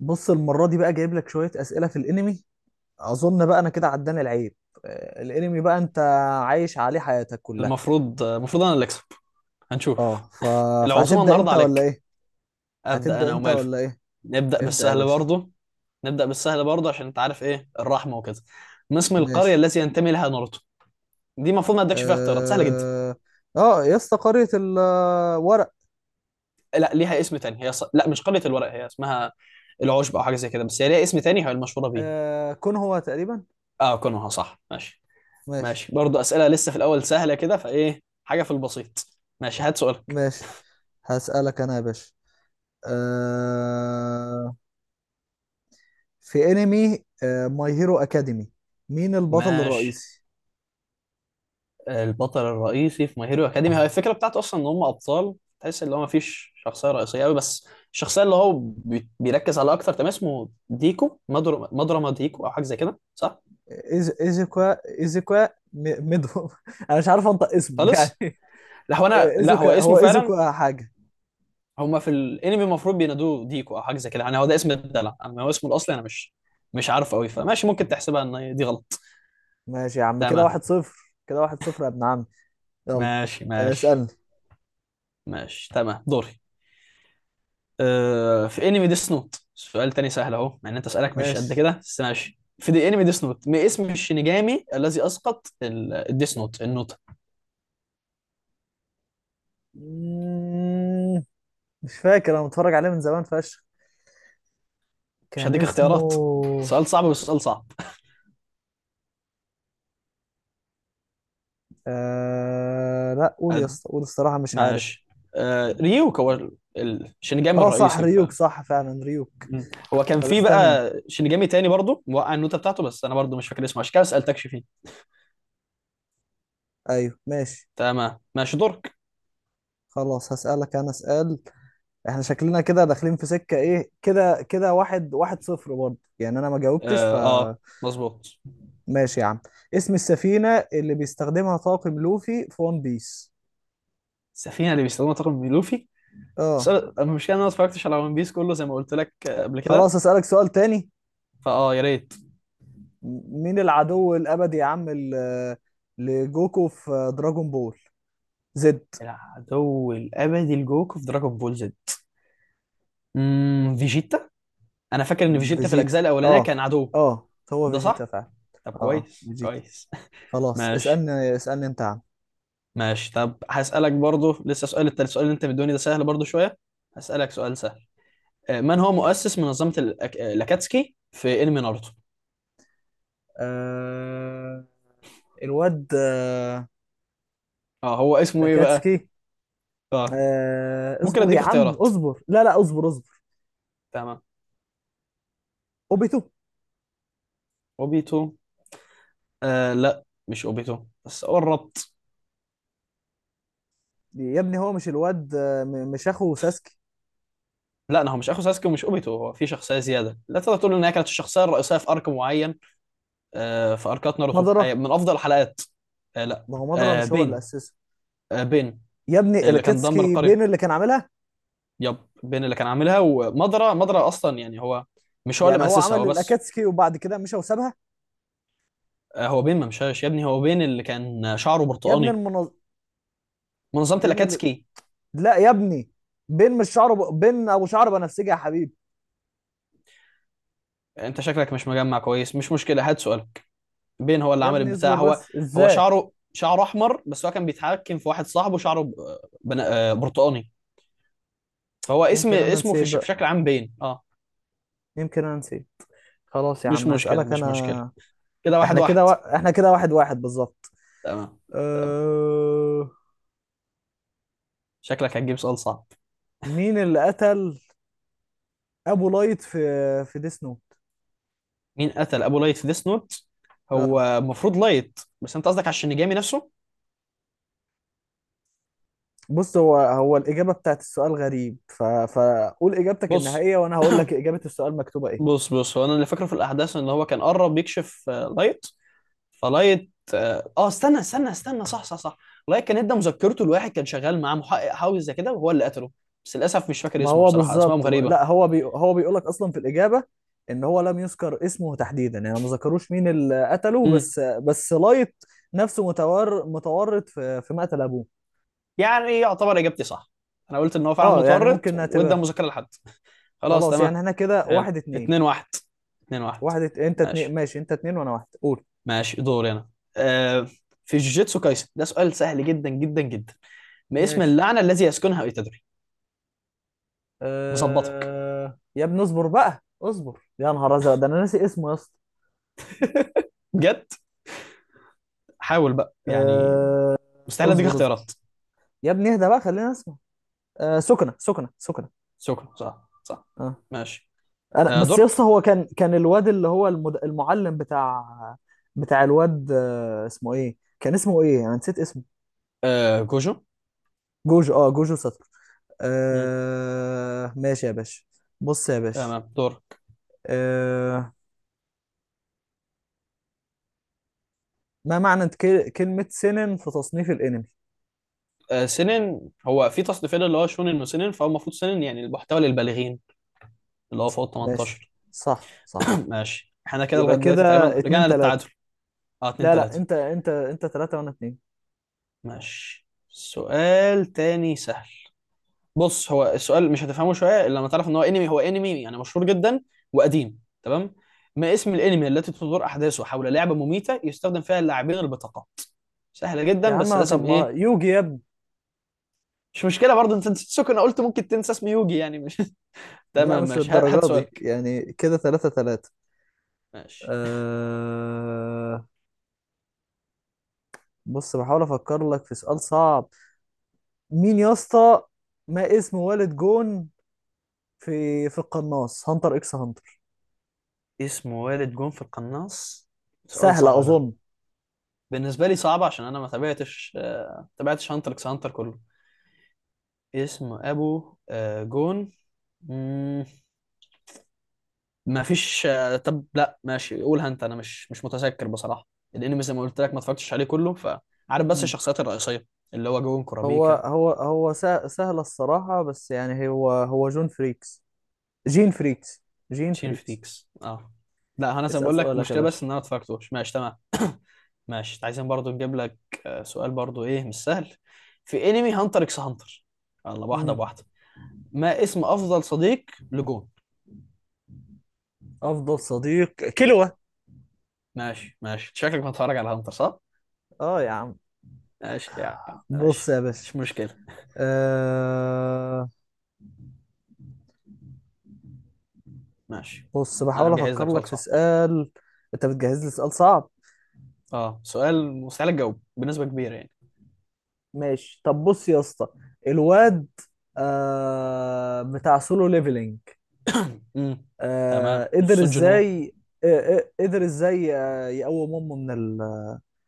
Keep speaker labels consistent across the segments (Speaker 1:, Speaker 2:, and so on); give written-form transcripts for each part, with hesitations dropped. Speaker 1: بص، المرة دي بقى جايب لك شوية أسئلة في الأنمي. أظن بقى أنا كده عداني العيب. الأنمي بقى أنت عايش عليه حياتك كلها.
Speaker 2: المفروض انا اللي اكسب. هنشوف.
Speaker 1: أه ف...
Speaker 2: العزومه
Speaker 1: فهتبدأ
Speaker 2: النهارده
Speaker 1: أنت ولا
Speaker 2: عليك.
Speaker 1: إيه؟
Speaker 2: ابدا
Speaker 1: هتبدأ
Speaker 2: انا
Speaker 1: أنت
Speaker 2: وماله.
Speaker 1: ولا إيه؟
Speaker 2: نبدا
Speaker 1: ابدأ يا
Speaker 2: بالسهل
Speaker 1: باشا.
Speaker 2: برضه نبدا بالسهل برضه عشان انت عارف ايه الرحمه وكده. ما اسم القريه
Speaker 1: ماشي.
Speaker 2: التي ينتمي لها ناروتو؟ دي المفروض ما ادكش فيها اختيارات، سهله جدا.
Speaker 1: أه أه يا اسطى، قرية الورق.
Speaker 2: لا، ليها اسم تاني، هي لا، مش قريه الورق، هي اسمها العشب او حاجه زي كده، بس هي ليها اسم تاني هي المشهوره بيه.
Speaker 1: كون هو تقريبا.
Speaker 2: اه، كونوها صح، ماشي.
Speaker 1: ماشي.
Speaker 2: ماشي برضه، اسئله لسه في الاول سهله كده، فايه حاجه في البسيط؟ ماشي، هات سؤالك.
Speaker 1: ماشي، هسألك أنا يا باشا. أه... في أنمي ماي هيرو أكاديمي، مين البطل
Speaker 2: ماشي،
Speaker 1: الرئيسي؟
Speaker 2: البطل الرئيسي في ماي هيرو اكاديمي، هي الفكره بتاعته اصلا ان هم ابطال، تحس ان هو ما فيش شخصيه رئيسيه قوي، بس الشخصيه اللي هو بيركز عليها اكتر، تمام؟ اسمه ديكو مدرما ديكو او حاجه زي كده، صح؟
Speaker 1: ايزوكا، ايزوكا. ميدو. انا مش عارف انطق اسمه
Speaker 2: خالص.
Speaker 1: يعني.
Speaker 2: لا، هو
Speaker 1: ايزوكا،
Speaker 2: اسمه
Speaker 1: هو
Speaker 2: فعلا.
Speaker 1: ايزوكا حاجة.
Speaker 2: هم في الانمي المفروض بينادوه ديكو او حاجه زي كده، يعني هو ده اسم الدلع، اما هو اسمه الاصلي انا مش عارف قوي، فماشي، ممكن تحسبها ان دي غلط.
Speaker 1: ماشي يا عم، كده
Speaker 2: تمام.
Speaker 1: واحد صفر، كده واحد صفر يا ابن عم. يلا.
Speaker 2: ماشي ماشي
Speaker 1: اسألني.
Speaker 2: ماشي، تمام، دوري. في انمي ديس نوت، سؤال تاني سهل اهو، مع ان انت اسالك مش قد
Speaker 1: ماشي.
Speaker 2: كده، بس ماشي. في دي انمي ديس نوت، ما اسم الشينيجامي الذي اسقط الديس نوت النوتة؟
Speaker 1: مم، مش فاكر، انا متفرج عليه من زمان فشخ.
Speaker 2: مش
Speaker 1: كان
Speaker 2: هديك اختيارات،
Speaker 1: اسمه...
Speaker 2: سؤال صعب، بس سؤال صعب.
Speaker 1: لا قول يا
Speaker 2: قد
Speaker 1: اسطى، قول، الصراحة مش عارف.
Speaker 2: ماشي. ريوك هو الشينيجامي
Speaker 1: اه صح،
Speaker 2: الرئيسي، ف...
Speaker 1: ريوك، صح فعلا ريوك.
Speaker 2: مم. هو كان
Speaker 1: طب
Speaker 2: في
Speaker 1: استنى.
Speaker 2: بقى شينيجامي تاني برضو موقع النوتة بتاعته، بس انا برضو مش فاكر اسمه، عشان كده ما سالتكش فيه.
Speaker 1: ايوه ماشي.
Speaker 2: تمام، ماشي، دورك.
Speaker 1: خلاص، هسألك انا سؤال. احنا شكلنا كده داخلين في سكة ايه، كده كده واحد واحد صفر برضه، يعني انا ما جاوبتش،
Speaker 2: اه, آه
Speaker 1: فماشي.
Speaker 2: مظبوط.
Speaker 1: يا عم، اسم السفينة اللي بيستخدمها طاقم لوفي في ون بيس؟
Speaker 2: السفينة اللي بيستخدمها طاقم لوفي، بس
Speaker 1: اه.
Speaker 2: انا المشكله إن انا ما اتفرجتش على ون بيس كله زي ما قلت لك قبل كده.
Speaker 1: خلاص، اسألك سؤال تاني.
Speaker 2: فاه، يا ريت.
Speaker 1: مين العدو الابدي يا عم لجوكو في دراجون بول زد؟
Speaker 2: العدو الابدي لجوكو في دراجون بول زد، فيجيتا، انا فاكر ان فيجيتا في
Speaker 1: فيجيتا.
Speaker 2: الاجزاء الاولانيه
Speaker 1: اه
Speaker 2: كان عدو.
Speaker 1: اه هو
Speaker 2: ده
Speaker 1: فيجيتا
Speaker 2: صح.
Speaker 1: فعلا.
Speaker 2: طب
Speaker 1: اه،
Speaker 2: كويس
Speaker 1: فيجيتا.
Speaker 2: كويس.
Speaker 1: خلاص،
Speaker 2: ماشي
Speaker 1: اسألني، اسألني انت يا عم.
Speaker 2: ماشي. طب هسالك برضو لسه سؤال التالت، السؤال اللي انت مدوني ده سهل برضو شويه. هسالك سؤال سهل. من هو مؤسس منظمه الأك... آه، الاكاتسكي في انمي ناروتو؟
Speaker 1: آه... الواد
Speaker 2: اه هو اسمه ايه بقى؟
Speaker 1: لاكاتسكي.
Speaker 2: اه ممكن
Speaker 1: اصبر يا
Speaker 2: اديك
Speaker 1: عم،
Speaker 2: اختيارات،
Speaker 1: اصبر، لا لا، اصبر، اصبر.
Speaker 2: تمام.
Speaker 1: اوبيتو.
Speaker 2: اوبيتو؟ لا، مش اوبيتو، بس قرب.
Speaker 1: يا ابني، هو مش الواد، مش اخو ساسكي.
Speaker 2: لا، هو مش اخو ساسكي ومش اوبيتو، هو في شخصيه زياده لا تقدر تقول ان هي كانت الشخصيه الرئيسيه في ارك معين. في اركات ناروتو،
Speaker 1: مضرة.
Speaker 2: من افضل الحلقات. لا.
Speaker 1: ما هو مضرة،
Speaker 2: آه،
Speaker 1: مش هو اللي
Speaker 2: بين
Speaker 1: اسسه؟
Speaker 2: بين
Speaker 1: يا ابني،
Speaker 2: اللي كان دمر
Speaker 1: الاكاتسكي
Speaker 2: القريه.
Speaker 1: بين اللي كان عاملها.
Speaker 2: يب. بين اللي كان عاملها، ومضرة، مضرة اصلا يعني هو مش هو اللي
Speaker 1: يعني هو
Speaker 2: مؤسسها،
Speaker 1: عمل
Speaker 2: هو بس.
Speaker 1: الاكاتسكي وبعد كده مشى وسابها؟
Speaker 2: هو بين ما مشاش يا ابني، هو بين اللي كان شعره
Speaker 1: يا ابني
Speaker 2: برتقاني.
Speaker 1: المنظ...
Speaker 2: منظمه
Speaker 1: بين ال...
Speaker 2: الاكاتسكي.
Speaker 1: لا يا ابني، بين مش شعره ب... بين ابو شعر بنفسجي يا حبيبي.
Speaker 2: انت شكلك مش مجمع كويس، مش مشكله، هات سؤالك. بين هو اللي
Speaker 1: يا
Speaker 2: عمل
Speaker 1: ابني
Speaker 2: البتاع،
Speaker 1: اصبر
Speaker 2: هو.
Speaker 1: بس،
Speaker 2: هو
Speaker 1: ازاي!
Speaker 2: شعره احمر، بس هو كان بيتحكم في واحد صاحبه شعره برتقاني. فهو
Speaker 1: يمكن انا
Speaker 2: اسمه
Speaker 1: نسيت
Speaker 2: في
Speaker 1: بقى،
Speaker 2: شكل عام بين اه
Speaker 1: يمكن انا نسيت. خلاص يا
Speaker 2: مش
Speaker 1: عم،
Speaker 2: مشكلة
Speaker 1: هسألك
Speaker 2: مش مشكلة.
Speaker 1: انا.
Speaker 2: كده واحد واحد
Speaker 1: احنا كده واحد واحد بالظبط.
Speaker 2: تمام. تمام.
Speaker 1: أه...
Speaker 2: شكلك هتجيب سؤال صعب.
Speaker 1: مين اللي قتل ابو لايت في ديس نوت؟
Speaker 2: مين قتل أبو لايت في ديس نوت؟
Speaker 1: اه.
Speaker 2: هو المفروض لايت، بس أنت قصدك على الشينيجامي نفسه.
Speaker 1: بص، هو الاجابه بتاعت السؤال غريب، فقول اجابتك
Speaker 2: بص.
Speaker 1: النهائيه وانا هقول لك اجابه السؤال مكتوبه ايه.
Speaker 2: بص هو أنا اللي فاكره في الأحداث، إن هو كان قرب يكشف لايت، فلايت استنى استنى استنى، صح صح صح. لايت كان ادى مذكرته لواحد كان شغال معاه محقق حاوي زي كده، وهو اللي قتله، بس للأسف مش فاكر
Speaker 1: ما
Speaker 2: اسمه،
Speaker 1: هو
Speaker 2: بصراحة أسمائهم
Speaker 1: بالظبط،
Speaker 2: غريبة.
Speaker 1: لا هو هو بيقول لك اصلا في الاجابه ان هو لم يذكر اسمه تحديدا، يعني ما ذكروش مين اللي قتله،
Speaker 2: مم.
Speaker 1: بس لايت نفسه متورط في مقتل ابوه.
Speaker 2: يعني يعتبر اجابتي صح؟ انا قلت ان هو فعلا
Speaker 1: اه، يعني
Speaker 2: متورط
Speaker 1: ممكن
Speaker 2: وادى
Speaker 1: نعتبر.
Speaker 2: مذاكره لحد. خلاص،
Speaker 1: خلاص يعني
Speaker 2: تمام،
Speaker 1: احنا كده
Speaker 2: حلو.
Speaker 1: واحد اتنين.
Speaker 2: 2-1. 2-1.
Speaker 1: انت اتنين،
Speaker 2: ماشي
Speaker 1: ماشي، انت اتنين وانا واحد، قول.
Speaker 2: ماشي، دوري انا. آه في جوجيتسو كايسن ده سؤال سهل جدا جدا جدا، ما اسم
Speaker 1: ماشي.
Speaker 2: اللعنه الذي يسكنها ايتادوري؟ مظبطك
Speaker 1: يا ابني اصبر بقى، اصبر، يا نهار ازرق، ده انا ناسي اسمه يا اسطى.
Speaker 2: بجد، حاول بقى يعني،
Speaker 1: أه...
Speaker 2: مستحيل اديك
Speaker 1: اصبر، اصبر.
Speaker 2: اختيارات.
Speaker 1: يا ابني اهدى بقى، خلينا اسمه... سكنة، سكنة، سكنة.
Speaker 2: شكرا، صح صح.
Speaker 1: أه.
Speaker 2: ماشي.
Speaker 1: انا بس يا اسطى،
Speaker 2: دورك.
Speaker 1: هو كان الواد اللي هو المعلم بتاع الواد، اسمه ايه، كان اسمه ايه، انا نسيت اسمه.
Speaker 2: كوجو.
Speaker 1: جوجو، اه جوجو سطر.
Speaker 2: مم.
Speaker 1: ماشي يا باشا. بص يا باشا،
Speaker 2: تمام، دورك.
Speaker 1: أه... ما معنى كلمة سنن في تصنيف الانمي؟
Speaker 2: سنن هو في تصنيفين، اللي هو شونن وسنن، فهو المفروض سنن يعني المحتوى للبالغين، اللي هو فوق ال
Speaker 1: ماشي.
Speaker 2: 18.
Speaker 1: صح، صح.
Speaker 2: ماشي، احنا كده لغايه
Speaker 1: يبقى كده
Speaker 2: دلوقتي تقريبا
Speaker 1: اتنين
Speaker 2: رجعنا للتعادل.
Speaker 1: تلاتة.
Speaker 2: اه 2
Speaker 1: لا لا،
Speaker 2: 3
Speaker 1: انت انت تلاتة وانا اتنين.
Speaker 2: ماشي، سؤال تاني سهل، بص هو السؤال مش هتفهمه شويه الا لما تعرف ان هو انمي يعني مشهور جدا وقديم، تمام. ما اسم الانمي التي تدور احداثه حول لعبه مميته يستخدم فيها اللاعبين البطاقه؟ سهله جدا،
Speaker 1: يا
Speaker 2: بس
Speaker 1: عم طب
Speaker 2: لازم
Speaker 1: ما
Speaker 2: ايه.
Speaker 1: يوجي يا ابني!
Speaker 2: مش مشكله برضه، انت نسيت سوكو، انا قلت ممكن تنسى اسم يوجي يعني، مش...
Speaker 1: لا
Speaker 2: تمام،
Speaker 1: مش
Speaker 2: ماشي، هات
Speaker 1: للدرجة دي
Speaker 2: سؤالك.
Speaker 1: يعني، كده تلاتة تلاتة.
Speaker 2: ماشي.
Speaker 1: أه... بص بحاول افكر لك في سؤال صعب. مين يا اسطى، ما اسم والد جون في القناص، هانتر اكس هانتر؟
Speaker 2: اسم والد جون في القناص. سؤال
Speaker 1: سهلة
Speaker 2: صعب ده.
Speaker 1: اظن.
Speaker 2: بالنسبه لي صعب عشان انا ما تابعتش هانتر اكس هانتر كله. اسم ابو جون. مم، ما فيش. طب لا، ماشي، قولها انت، انا مش متذكر بصراحه. الانمي زي ما قلت لك ما اتفرجتش عليه كله، فعارف بس
Speaker 1: مم.
Speaker 2: الشخصيات الرئيسيه اللي هو جون كورابيكا.
Speaker 1: سهلة الصراحة، بس يعني هو جون فريكس، جين فريكس، جين
Speaker 2: شين
Speaker 1: فريكس.
Speaker 2: فريكس، اه. لا، انا زي ما
Speaker 1: اسأل
Speaker 2: بقول لك
Speaker 1: سؤالك يا
Speaker 2: المشكله بس ان
Speaker 1: باشا.
Speaker 2: انا ما اتفرجتوش، ماشي، تمام. ماشي، عايزين برضو نجيب لك سؤال برضو ايه مش سهل. في انمي هانتر اكس هانتر، يلا، واحده
Speaker 1: مم.
Speaker 2: بواحده. ما اسم افضل صديق لجون؟
Speaker 1: افضل صديق، كلوة.
Speaker 2: ماشي ماشي، شكلك بتتفرج على هانتر، صح؟
Speaker 1: اه يا عم.
Speaker 2: ماشي يا عم،
Speaker 1: بص
Speaker 2: ماشي،
Speaker 1: يا باشا،
Speaker 2: مش مشكلة.
Speaker 1: أه...
Speaker 2: ماشي،
Speaker 1: بص
Speaker 2: أنا
Speaker 1: بحاول
Speaker 2: مجهز لك
Speaker 1: افكر لك
Speaker 2: سؤال
Speaker 1: في
Speaker 2: صعب.
Speaker 1: سؤال. انت بتجهز لي سؤال صعب.
Speaker 2: سؤال مستحيل أجاوب بنسبة كبيرة يعني.
Speaker 1: ماشي طب بص يا اسطى، الواد بتاع سولو ليفلينج،
Speaker 2: امم تمام،
Speaker 1: قدر
Speaker 2: سون جين وو،
Speaker 1: ازاي... أه... أه، قدر ازاي يقوم امه من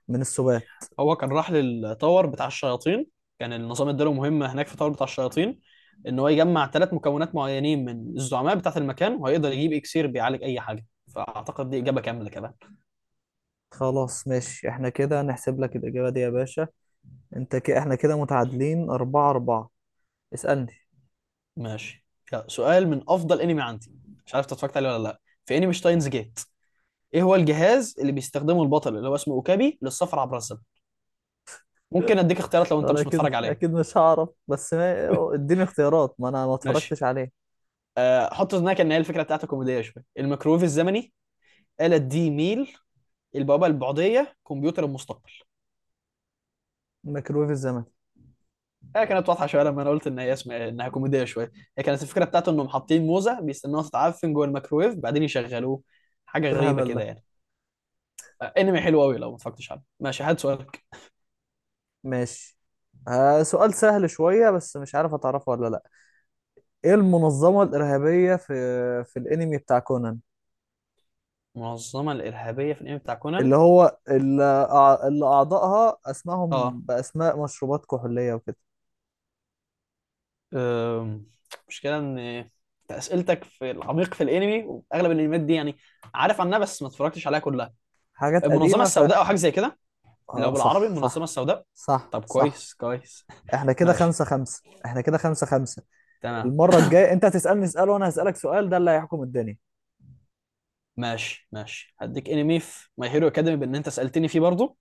Speaker 1: من السبات؟
Speaker 2: هو كان راح للتاور بتاع الشياطين، كان النظام اداله مهمة هناك في التاور بتاع الشياطين، إن هو يجمع 3 مكونات معينين من الزعماء بتاعة المكان، وهيقدر يجيب إكسير بيعالج أي حاجة، فأعتقد دي إجابة كاملة كمان.
Speaker 1: خلاص ماشي، احنا كده نحسب لك الاجابة دي يا باشا. احنا كده متعادلين اربعة اربعة. اسألني.
Speaker 2: ماشي، يلا، سؤال من أفضل أنمي عندي، مش عارف أنت اتفرجت عليه ولا لأ. في أنمي شتاينز جيت، ايه هو الجهاز اللي بيستخدمه البطل اللي هو اسمه اوكابي للسفر عبر الزمن؟ ممكن اديك اختيارات لو انت
Speaker 1: انا
Speaker 2: مش
Speaker 1: اكيد،
Speaker 2: متفرج عليه.
Speaker 1: اكيد مش هعرف، بس ما اديني اختيارات، ما انا ما اتفرجتش
Speaker 2: ماشي.
Speaker 1: عليه.
Speaker 2: حط في ذهنك ان هي الفكره بتاعتها كوميديه شويه. الميكرويف الزمني. آلة دي ميل. البوابه البعديه. كمبيوتر المستقبل.
Speaker 1: ميكرويف الزمن.
Speaker 2: هي كانت واضحه شويه لما انا قلت ان هي اسمها انها كوميديه شويه، هي كانت الفكره بتاعته انهم حاطين موزه بيستنوها تتعفن جوه الميكرويف بعدين يشغلوه، حاجه
Speaker 1: إيه
Speaker 2: غريبه
Speaker 1: الهبل
Speaker 2: كده
Speaker 1: ده!
Speaker 2: يعني. انمي حلو قوي لو ما اتفرجتش عليه. ماشي، هات سؤالك.
Speaker 1: ماشي. آه سؤال سهل شوية، بس مش عارف هتعرفه ولا لا. ايه المنظمة الإرهابية في الانمي بتاع كونان،
Speaker 2: منظمه الارهابيه في الانمي بتاع كونان.
Speaker 1: اللي هو اللي, أع- اللي اعضائها اسمائهم
Speaker 2: اه
Speaker 1: باسماء مشروبات كحولية وكده؟
Speaker 2: أم، مشكلة ان انت اسئلتك في العميق في الانمي، واغلب الانميات دي يعني عارف عنها بس ما اتفرجتش عليها كلها.
Speaker 1: حاجات
Speaker 2: المنظمة
Speaker 1: قديمة ف...
Speaker 2: السوداء او حاجة زي كده. لو
Speaker 1: آه
Speaker 2: بالعربي،
Speaker 1: صح،
Speaker 2: المنظمة
Speaker 1: صح،
Speaker 2: السوداء.
Speaker 1: صح،
Speaker 2: طب
Speaker 1: صح.
Speaker 2: كويس كويس.
Speaker 1: احنا كده
Speaker 2: ماشي،
Speaker 1: خمسة خمسة، احنا كده خمسة خمسة.
Speaker 2: تمام،
Speaker 1: المرة الجاية انت هتسألني سؤال وانا هسألك سؤال، ده اللي هيحكم الدنيا.
Speaker 2: ماشي ماشي. هديك انمي في ماي هيرو اكاديمي بان انت سألتني فيه برضو،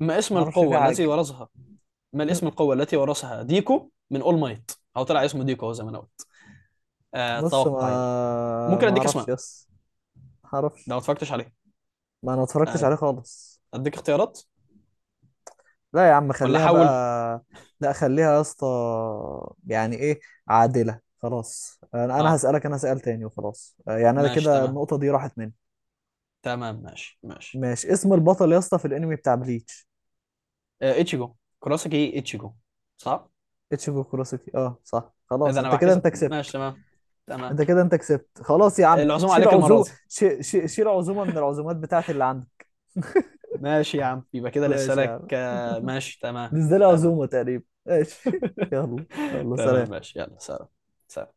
Speaker 2: ما اسم
Speaker 1: ما اعرفش فيه
Speaker 2: القوة التي
Speaker 1: حاجه.
Speaker 2: ورثها ما الاسم القوة التي ورثها ديكو من اول مايت، او طلع اسمه ديكو هو زي ما انا قلت.
Speaker 1: بص،
Speaker 2: اتوقع، يلا.
Speaker 1: ما
Speaker 2: ممكن
Speaker 1: ما
Speaker 2: اديك اسماء
Speaker 1: اعرفش
Speaker 2: لو
Speaker 1: يس، ما اعرفش،
Speaker 2: ما اتفرجتش عليه.
Speaker 1: ما انا اتفرجتش
Speaker 2: آه،
Speaker 1: عليه خالص.
Speaker 2: اديك اختيارات
Speaker 1: لا يا عم
Speaker 2: ولا
Speaker 1: خليها
Speaker 2: احول.
Speaker 1: بقى. لا خليها يا اسطى. يعني ايه عادله، خلاص انا،
Speaker 2: اه
Speaker 1: هسالك انا سؤال تاني وخلاص، يعني انا
Speaker 2: ماشي،
Speaker 1: كده
Speaker 2: تمام.
Speaker 1: النقطه دي راحت مني.
Speaker 2: تمام ماشي ماشي.
Speaker 1: ماشي، اسم البطل يا اسطى في الانمي بتاع بليتش؟
Speaker 2: اتشيجو، كراسكي اتشيجو، صح.
Speaker 1: اتشيجو كوروسوكي، اه صح،
Speaker 2: اذا
Speaker 1: خلاص
Speaker 2: انا
Speaker 1: انت كده
Speaker 2: بعكس،
Speaker 1: انت
Speaker 2: ماشي،
Speaker 1: كسبت.
Speaker 2: تمام. تمام.
Speaker 1: انت كده انت كسبت، خلاص يا عم
Speaker 2: العزومه
Speaker 1: شيل
Speaker 2: عليك المره
Speaker 1: عزومه،
Speaker 2: دي.
Speaker 1: شيل عزومه من العزومات بتاعتي اللي عندك.
Speaker 2: ماشي يا عم، يبقى كده لسه
Speaker 1: ماشي يا
Speaker 2: لك
Speaker 1: عم.
Speaker 2: ماشي،
Speaker 1: دي
Speaker 2: تمام.
Speaker 1: ازاي
Speaker 2: تمام.
Speaker 1: العزومة تقريبا، ماشي. يلا. يلا
Speaker 2: تمام،
Speaker 1: سلام.
Speaker 2: ماشي، يلا سلام. سلام.